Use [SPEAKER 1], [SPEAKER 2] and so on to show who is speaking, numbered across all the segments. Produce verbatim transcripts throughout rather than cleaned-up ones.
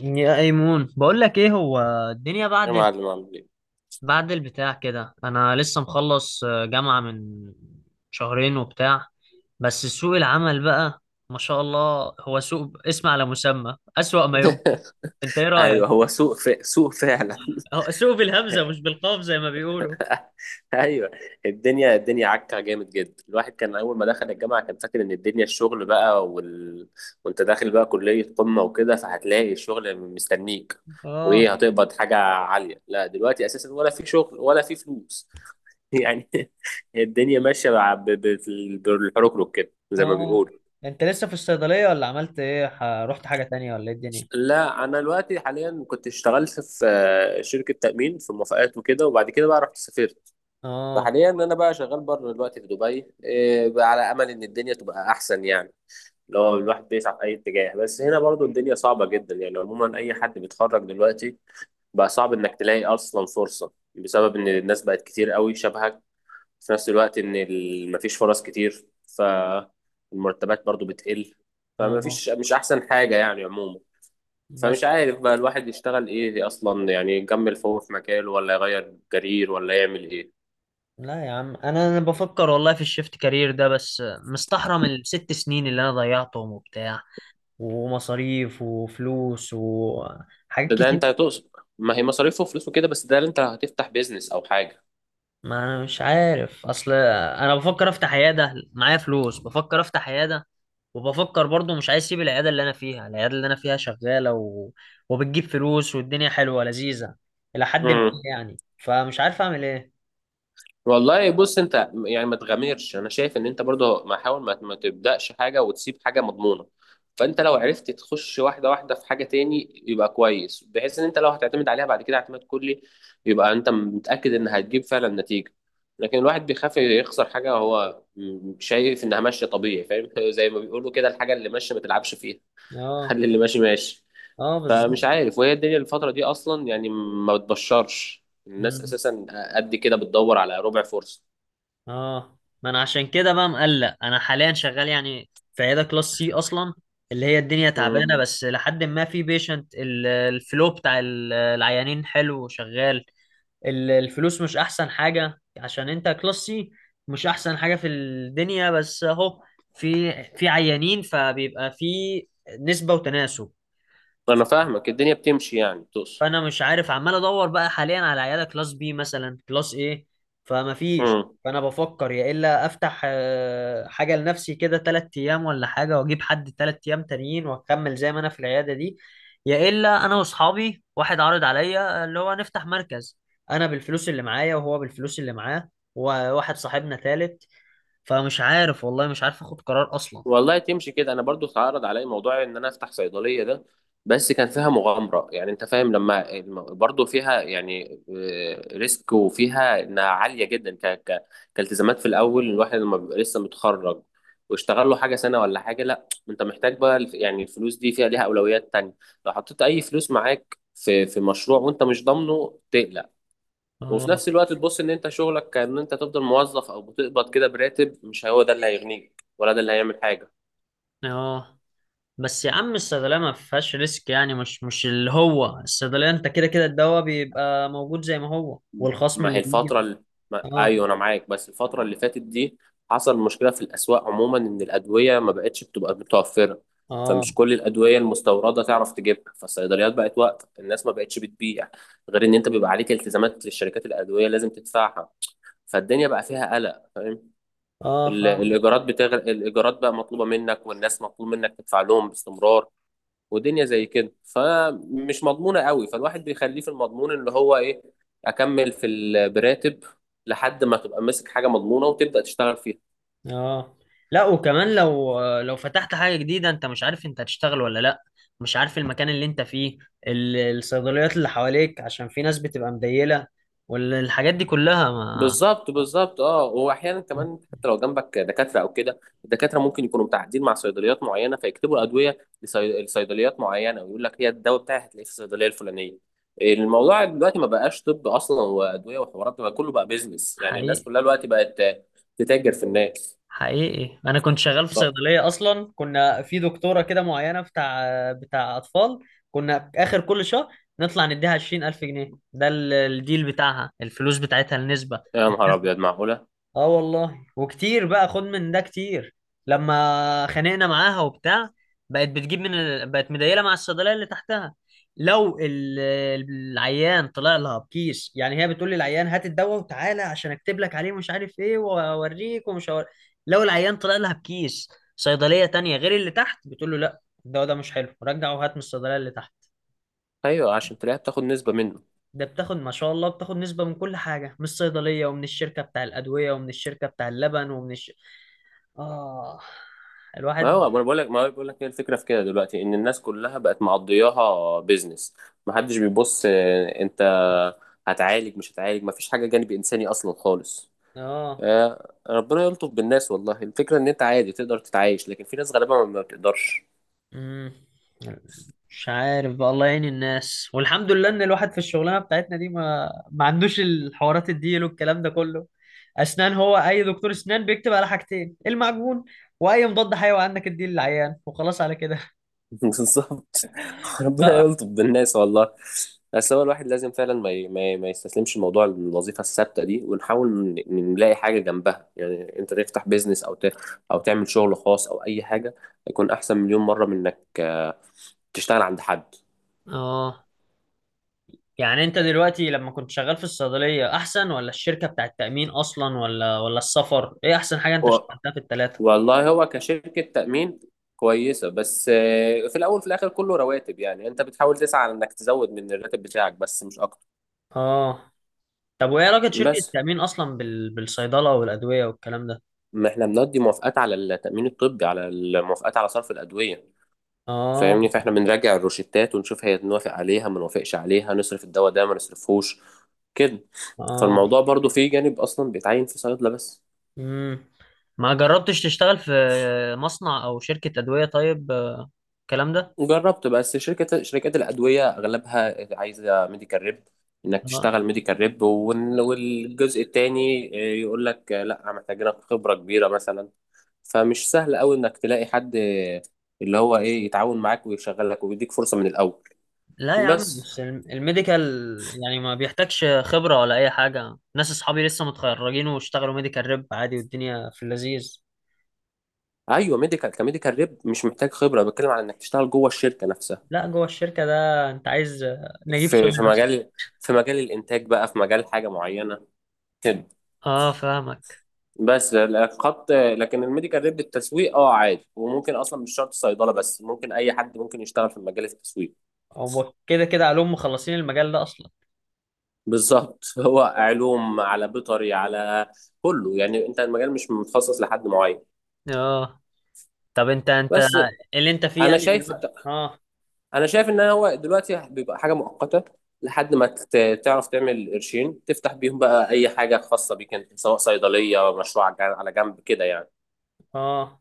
[SPEAKER 1] يا ايمون، بقول لك ايه هو الدنيا.
[SPEAKER 2] يا
[SPEAKER 1] بعد
[SPEAKER 2] معلم، عامل ايه؟
[SPEAKER 1] بعد البتاع كده انا لسه مخلص آه، جامعة من شهرين وبتاع. بس سوق العمل بقى ما شاء الله، هو سوق اسم على مسمى، اسوأ ما يمكن. انت ايه
[SPEAKER 2] ايوه،
[SPEAKER 1] رأيك؟
[SPEAKER 2] هو سوق ف... سوق فعلا.
[SPEAKER 1] هو سوق بالهمزة مش بالقاف زي ما بيقولوا.
[SPEAKER 2] ايوه، الدنيا الدنيا عكه جامد جدا. الواحد كان اول ما دخل الجامعه كان فاكر ان الدنيا الشغل بقى وال... وانت داخل بقى كليه قمه وكده فهتلاقي الشغل مستنيك وايه،
[SPEAKER 1] اه،
[SPEAKER 2] هتقبض حاجه عاليه. لا دلوقتي اساسا ولا في شغل ولا في فلوس. يعني الدنيا ماشيه بع- ب- ب- بالحركرك كده زي ما
[SPEAKER 1] اه.
[SPEAKER 2] بيقولوا.
[SPEAKER 1] انت لسه في الصيدلية ولا عملت ايه؟ ح- رحت حاجة تانية ولا ايه الدنيا؟
[SPEAKER 2] لا، انا دلوقتي حاليا كنت اشتغلت في آه، شركه تامين في موافقات وكده، وبعد كده بقى رحت سافرت.
[SPEAKER 1] اه،
[SPEAKER 2] فحاليا انا بقى شغال بره دلوقتي في دبي، آه، بقى على امل ان الدنيا تبقى احسن يعني. لو الواحد بيسعى في اي اتجاه، بس هنا برضو الدنيا صعبه جدا. يعني عموما اي حد بيتخرج دلوقتي بقى صعب انك تلاقي اصلا فرصه، بسبب ان الناس بقت كتير قوي شبهك في نفس الوقت ان ال- مفيش فرص كتير، فالمرتبات برضو بتقل.
[SPEAKER 1] اه،
[SPEAKER 2] فمفيش، مش احسن حاجه يعني عموما.
[SPEAKER 1] بس.
[SPEAKER 2] فمش عارف بقى الواحد يشتغل ايه اصلا، يعني يكمل فهو في مجاله ولا يغير كارير ولا يعمل ايه.
[SPEAKER 1] لا يا عم، انا انا بفكر والله في الشيفت كارير ده، بس مستحرم الست سنين اللي انا ضيعتهم وبتاع، ومصاريف وفلوس وحاجات
[SPEAKER 2] ده ده
[SPEAKER 1] كتير.
[SPEAKER 2] انت هتقصد، ما هي مصاريفه وفلوسه كده، بس ده اللي انت هتفتح بيزنس او
[SPEAKER 1] ما انا مش عارف، اصل انا بفكر افتح عياده، معايا فلوس بفكر افتح عياده. وبفكر برضو مش عايز اسيب العياده اللي انا فيها، العياده اللي انا فيها شغاله و... وبتجيب فلوس والدنيا حلوه لذيذه الى حد ما،
[SPEAKER 2] حاجه.
[SPEAKER 1] يعني. فمش عارف اعمل ايه.
[SPEAKER 2] والله بص، انت يعني ما تغامرش. انا شايف ان انت برضه ما حاول، ما ما تبداش حاجه وتسيب حاجه مضمونه. فانت لو عرفت تخش واحده واحده في حاجه تاني يبقى كويس، بحيث ان انت لو هتعتمد عليها بعد كده اعتماد كلي يبقى انت متاكد ان هتجيب فعلا نتيجه. لكن الواحد بيخاف يخسر حاجه هو م- شايف انها ماشيه طبيعي، فاهم؟ زي ما بيقولوا كده، الحاجه اللي ماشيه ما تلعبش فيها.
[SPEAKER 1] اه،
[SPEAKER 2] خلي اللي ماشي ماشي.
[SPEAKER 1] اه، بالظبط،
[SPEAKER 2] فمش عارف، وهي الدنيا الفتره دي اصلا يعني ما بتبشرش الناس اساسا، قد كده بتدور على ربع فرصه.
[SPEAKER 1] اه. ما انا عشان كده بقى مقلق، انا حاليا شغال يعني في عياده كلاس سي اصلا، اللي هي الدنيا تعبانه،
[SPEAKER 2] مم.
[SPEAKER 1] بس لحد ما في بيشنت الفلو بتاع ال- العيانين حلو وشغال. ال- الفلوس مش احسن حاجه، عشان انت كلاس سي مش احسن حاجه في الدنيا، بس اهو في في عيانين، فبيبقى في نسبه وتناسب.
[SPEAKER 2] انا فاهمك، الدنيا بتمشي يعني تقصد.
[SPEAKER 1] فانا مش عارف، عمال ادور بقى حاليا على عياده كلاس بي مثلا، كلاس ايه. فما فيش،
[SPEAKER 2] مم.
[SPEAKER 1] فانا بفكر يا الا افتح آه، حاجه لنفسي كده، تلات ايام، ولا حاجه واجيب حد تلات ايام تانيين واكمل زي ما انا في العياده دي. يا الا انا واصحابي، واحد عرض عليا اللي هو نفتح مركز، انا بالفلوس اللي معايا وهو بالفلوس اللي معاه، وواحد صاحبنا تالت. فمش عارف والله، مش عارف اخد قرار اصلا.
[SPEAKER 2] والله تمشي كده، انا برضو اتعرض عليا موضوع ان انا افتح صيدليه ده، بس كان فيها مغامره. يعني انت فاهم لما الم- برضو فيها يعني، آه، ريسك، وفيها انها عاليه جدا ك... ك... كالتزامات. في الاول الواحد لما بيبقى لسه متخرج واشتغل له حاجه سنه ولا حاجه، لا انت محتاج بقى الف- يعني الفلوس دي فيها ليها اولويات تانية. لو حطيت اي فلوس معاك في في مشروع وانت مش ضامنه تقلق. وفي
[SPEAKER 1] اه،
[SPEAKER 2] نفس الوقت تبص ان انت شغلك كأن انت تفضل موظف، او بتقبض كده براتب، مش هو ده اللي هيغنيك ولا ده اللي هيعمل حاجة.
[SPEAKER 1] اه. بس يا عم، الصيدلية ما فيهاش ريسك يعني، مش مش اللي هو الصيدلية انت كده كده الدواء بيبقى موجود زي ما هو، والخصم
[SPEAKER 2] ما هي
[SPEAKER 1] اللي بيجي.
[SPEAKER 2] الفترة اللي... ما...
[SPEAKER 1] اه،
[SPEAKER 2] ايوه انا معاك. بس الفترة اللي فاتت دي حصل مشكلة في الاسواق عموما، ان الادوية ما بقتش بتبقى متوفرة.
[SPEAKER 1] اه،
[SPEAKER 2] فمش كل الادوية المستوردة تعرف تجيبها، فالصيدليات بقت واقفة، الناس ما بقتش بتبيع. غير ان انت بيبقى عليك التزامات للشركات الادوية لازم تدفعها. فالدنيا بقى فيها قلق، فاهم؟
[SPEAKER 1] اه
[SPEAKER 2] ال-
[SPEAKER 1] فاهم،
[SPEAKER 2] الايجارات بتغرق، الايجارات بقى مطلوبة منك، والناس مطلوب منك تدفع لهم باستمرار. ودنيا زي كده فمش مضمونة قوي، فالواحد بيخليه في المضمون اللي هو ايه، اكمل في ال- براتب لحد ما تبقى ماسك حاجة مضمونة وتبدأ تشتغل فيها.
[SPEAKER 1] اه. لا وكمان لو لو فتحت حاجة جديدة، انت مش عارف انت هتشتغل ولا لا، مش عارف المكان اللي انت فيه، ال- الصيدليات اللي حواليك، عشان في ناس بتبقى مديلة والحاجات دي كلها، ما...
[SPEAKER 2] بالظبط بالظبط، اه. واحيانا كمان، حتى لو جنبك دكاترة او كده، الدكاترة ممكن يكونوا متعاقدين مع صيدليات معينة، فيكتبوا ادوية لصي- لصيدليات معينة ويقول لك هي الدواء بتاعي هتلاقيه في الصيدلية الفلانية. الموضوع دلوقتي ما بقاش طب اصلا وادوية وحوارات، ده بقى كله بقى بيزنس. يعني الناس
[SPEAKER 1] حقيقي،
[SPEAKER 2] كلها دلوقتي بقت تتاجر في الناس.
[SPEAKER 1] حقيقي انا كنت شغال في
[SPEAKER 2] ف...
[SPEAKER 1] صيدليه اصلا، كنا في دكتوره كده معينه، بتاع بتاع اطفال، كنا اخر كل شهر نطلع نديها عشرين الف جنيه، ده ال- الديل بتاعها، الفلوس بتاعتها، النسبه.
[SPEAKER 2] يا نهار ابيض، معقولة؟
[SPEAKER 1] اه والله، وكتير بقى خد من ده، كتير لما خانقنا معاها وبتاع. بقت بتجيب من ال... بقت مديله مع الصيدليه اللي تحتها، لو ال... العيان طلع لها بكيس، يعني هي بتقول للعيان هات الدواء وتعالى عشان اكتب لك عليه مش عارف ايه، واوريك، ومش هور... لو العيان طلع لها بكيس صيدليه تانية غير اللي تحت، بتقول له لا، الدواء ده مش حلو، رجع وهات من الصيدليه اللي تحت.
[SPEAKER 2] ايوه، عشان تلاقيها بتاخد نسبه منه.
[SPEAKER 1] ده بتاخد ما شاء الله، بتاخد نسبة من كل حاجة، من الصيدلية ومن الشركة بتاع الأدوية ومن الشركة بتاع اللبن ومن الش... آه
[SPEAKER 2] ما هو
[SPEAKER 1] الواحد،
[SPEAKER 2] ما انا بقول لك، ما هو بقول لك هي الفكره في كده دلوقتي ان الناس كلها بقت معضياها بيزنس. ما حدش بيبص آه، انت هتعالج مش هتعالج، ما فيش حاجه جانب انساني اصلا خالص.
[SPEAKER 1] آه.
[SPEAKER 2] آه، ربنا يلطف بالناس والله. الفكره ان انت عادي تقدر تتعايش، لكن في ناس غالبا ما بتقدرش.
[SPEAKER 1] مم. مش عارف بقى، الله يعين الناس، والحمد لله إن الواحد في الشغلانة بتاعتنا دي ما ما عندوش الحوارات الديل والكلام ده كله. أسنان، هو أي دكتور أسنان بيكتب على حاجتين: المعجون وأي مضاد حيوي، عندك الديل العيان، وخلاص على كده.
[SPEAKER 2] بالظبط، ربنا يلطف بالناس والله. بس هو الواحد لازم فعلا ما ي- ما ي- ما يستسلمش لموضوع الوظيفه الثابته دي، ونحاول ن- نلاقي حاجه جنبها. يعني انت تفتح بيزنس او ت... او تعمل شغل خاص او اي حاجه، يكون احسن مليون مره من انك، آه، تشتغل عند حد.
[SPEAKER 1] آه. يعني انت دلوقتي لما كنت شغال في الصيدلية احسن، ولا الشركة بتاع التأمين اصلا، ولا ولا السفر؟ ايه احسن حاجة انت
[SPEAKER 2] و...
[SPEAKER 1] اشتغلتها في التلاتة؟
[SPEAKER 2] والله هو كشركه تامين كويسه، بس آه، في الاول في الاخر كله رواتب. يعني انت بتحاول تسعى على انك تزود من الراتب بتاعك بس، مش اكتر.
[SPEAKER 1] اه. طب وايه علاقة شركة
[SPEAKER 2] بس
[SPEAKER 1] التأمين اصلا بال... بالصيدلة والأدوية والكلام ده؟
[SPEAKER 2] ما احنا بنقضي موافقات على التأمين الطبي، على الموافقات على صرف الأدوية،
[SPEAKER 1] اه،
[SPEAKER 2] فاهمني؟ فاحنا بنراجع الروشتات ونشوف هي نوافق عليها ما نوافقش عليها، نصرف الدواء ده ما نصرفهوش، كده.
[SPEAKER 1] اه،
[SPEAKER 2] فالموضوع برضو فيه جانب أصلا بيتعين في صيدلة بس.
[SPEAKER 1] امم ما جربتش تشتغل في مصنع او شركة أدوية طيب، آه، الكلام ده؟
[SPEAKER 2] جربت، بس شركة شركات الأدوية أغلبها عايزة ميديكال ريب، إنك
[SPEAKER 1] اه.
[SPEAKER 2] تشتغل ميديكال ريب. وال- والجزء التاني آه، يقول لك لا محتاجينك خبرة كبيرة مثلا. فمش سهل قوي إنك تلاقي حد اللي هو إيه، يتعاون معاك ويشغلك ويديك فرصة من الأول.
[SPEAKER 1] لا يا عم،
[SPEAKER 2] بس
[SPEAKER 1] بس الم- الميديكال يعني ما بيحتاجش خبرة ولا اي حاجة، ناس اصحابي لسه متخرجين واشتغلوا ميديكال ريب عادي والدنيا في اللذيذ.
[SPEAKER 2] ايوه، ميديكال، كميديكال ريب مش محتاج خبره، بتكلم على انك تشتغل جوه الشركه نفسها،
[SPEAKER 1] لا، جوه الشركة ده أنت عايز نجيب
[SPEAKER 2] في
[SPEAKER 1] سوري
[SPEAKER 2] في
[SPEAKER 1] بس.
[SPEAKER 2] مجال، في مجال الانتاج بقى، في مجال حاجه معينه كده.
[SPEAKER 1] اه فاهمك.
[SPEAKER 2] بس الخط، لكن الميديكال ريب التسويق، اه عادي، وممكن اصلا مش شرط صيدله، بس ممكن اي حد ممكن يشتغل في مجال التسويق.
[SPEAKER 1] هو كده كده علوم مخلصين المجال ده أصلا.
[SPEAKER 2] بالظبط. هو علوم، على بيطري، على كله يعني، انت المجال مش متخصص لحد معين.
[SPEAKER 1] اه. طب انت انت
[SPEAKER 2] بس
[SPEAKER 1] اللي انت فيه
[SPEAKER 2] انا
[SPEAKER 1] يعني
[SPEAKER 2] شايف،
[SPEAKER 1] دلوقتي؟ اه،
[SPEAKER 2] انا شايف ان هو دلوقتي بيبقى حاجه مؤقته، لحد ما تت- تعرف تعمل قرشين تفتح بيهم بقى اي حاجه خاصه بيك انت، سواء صيدليه، مشروع على جنب، على جنب كده يعني.
[SPEAKER 1] اه.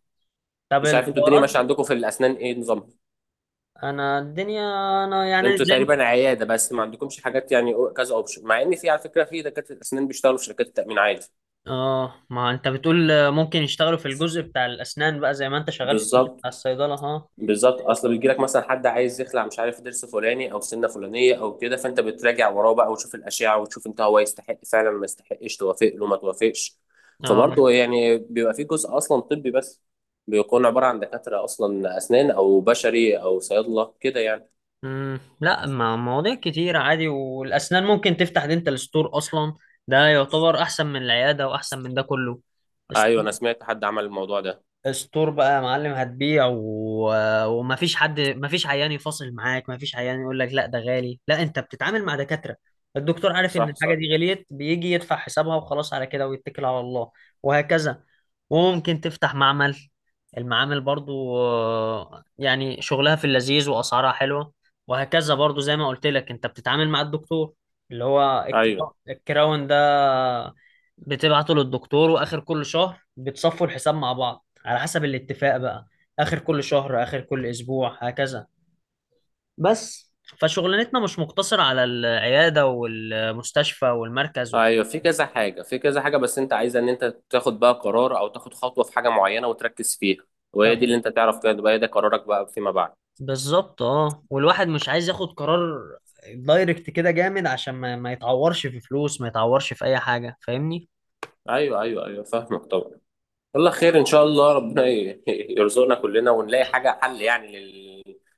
[SPEAKER 1] طب
[SPEAKER 2] مش عارف انتوا الدنيا
[SPEAKER 1] الحوارات،
[SPEAKER 2] ماشيه عندكم في الاسنان ايه نظامها؟
[SPEAKER 1] أنا الدنيا، أنا يعني
[SPEAKER 2] انتوا
[SPEAKER 1] زي ما-
[SPEAKER 2] تقريبا عياده بس، ما عندكمش حاجات يعني، أو- كذا اوبشن، مع ان في، على فكره، في دكاتره اسنان بيشتغلوا في شركات التامين عادي.
[SPEAKER 1] اه. ما أنت بتقول ممكن يشتغلوا في الجزء بتاع الأسنان بقى زي ما أنت شغال في الجزء
[SPEAKER 2] بالظبط
[SPEAKER 1] بتاع الصيدلة، ها؟
[SPEAKER 2] بالظبط، اصل بيجي لك مثلا حد عايز يخلع مش عارف ضرس فلاني او سنه فلانيه او كده، فانت بتراجع وراه بقى، وتشوف الاشعه، وتشوف انت هو يستحق فعلا ما يستحقش، توافق له ما توافقش.
[SPEAKER 1] اه،
[SPEAKER 2] فبرضه يعني بيبقى في جزء اصلا طبي، بس بيكون عباره عن دكاتره اصلا اسنان او بشري او صيادله كده يعني.
[SPEAKER 1] امم لا، مع مواضيع كتير عادي. والاسنان ممكن تفتح دينتال ستور اصلا، ده يعتبر احسن من العياده واحسن من ده كله.
[SPEAKER 2] ايوه، انا سمعت حد عمل الموضوع ده.
[SPEAKER 1] ستور بقى يا معلم، هتبيع و... ومفيش حد، مفيش عيان يفاصل معاك، مفيش عيان يقول لك لا ده غالي، لا انت بتتعامل مع دكاترة. الدكتور عارف ان
[SPEAKER 2] صح
[SPEAKER 1] الحاجة
[SPEAKER 2] صح.
[SPEAKER 1] دي غليت، بيجي يدفع حسابها وخلاص على كده ويتكل على الله. وهكذا. وممكن تفتح معمل، المعامل برضو آه، يعني شغلها في اللذيذ واسعارها حلوة. وهكذا، برضو زي ما قلت لك، انت بتتعامل مع الدكتور، اللي هو
[SPEAKER 2] ايوه
[SPEAKER 1] الكرا- الكراون ده بتبعته للدكتور، واخر كل شهر بتصفوا الحساب مع بعض، على حسب الاتفاق بقى، اخر كل شهر، اخر كل اسبوع، هكذا. بس. فشغلانتنا مش مقتصرة على العيادة والمستشفى والمركز و-
[SPEAKER 2] ايوه، في كذا حاجه، في كذا حاجه بس انت عايز ان انت تاخد بقى قرار او تاخد خطوه في حاجه معينه وتركز فيها، وهي دي اللي
[SPEAKER 1] تاخد،
[SPEAKER 2] انت تعرف كده بقى، ده قرارك بقى فيما بعد.
[SPEAKER 1] بالظبط، اه. والواحد مش عايز ياخد قرار دايركت كده جامد، عشان ما, ما يتعورش في فلوس، ما يتعورش في اي حاجة، فاهمني.
[SPEAKER 2] ايوه ايوه ايوه، فاهمك طبعا. والله، خير ان شاء الله، ربنا ي- يرزقنا كلنا ونلاقي حاجه حل يعني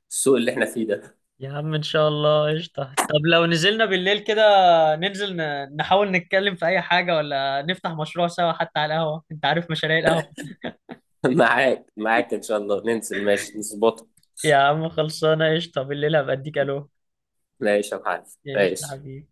[SPEAKER 2] للسوق اللي احنا فيه ده.
[SPEAKER 1] يا عم ان شاء الله، قشطة. طب لو نزلنا بالليل كده، ننزل، ن- نحاول نتكلم في اي حاجة، ولا نفتح مشروع سوا، حتى على القهوة. انت عارف مشاريع القهوة.
[SPEAKER 2] معاك معاك، ان شاء الله ننزل، ماشي نظبطه.
[SPEAKER 1] يا عم خلصانة، قشطة، بالليل هبقى اديك الو.
[SPEAKER 2] ماشي يا معلم.
[SPEAKER 1] ايش يا
[SPEAKER 2] ماشي.
[SPEAKER 1] حبيبي.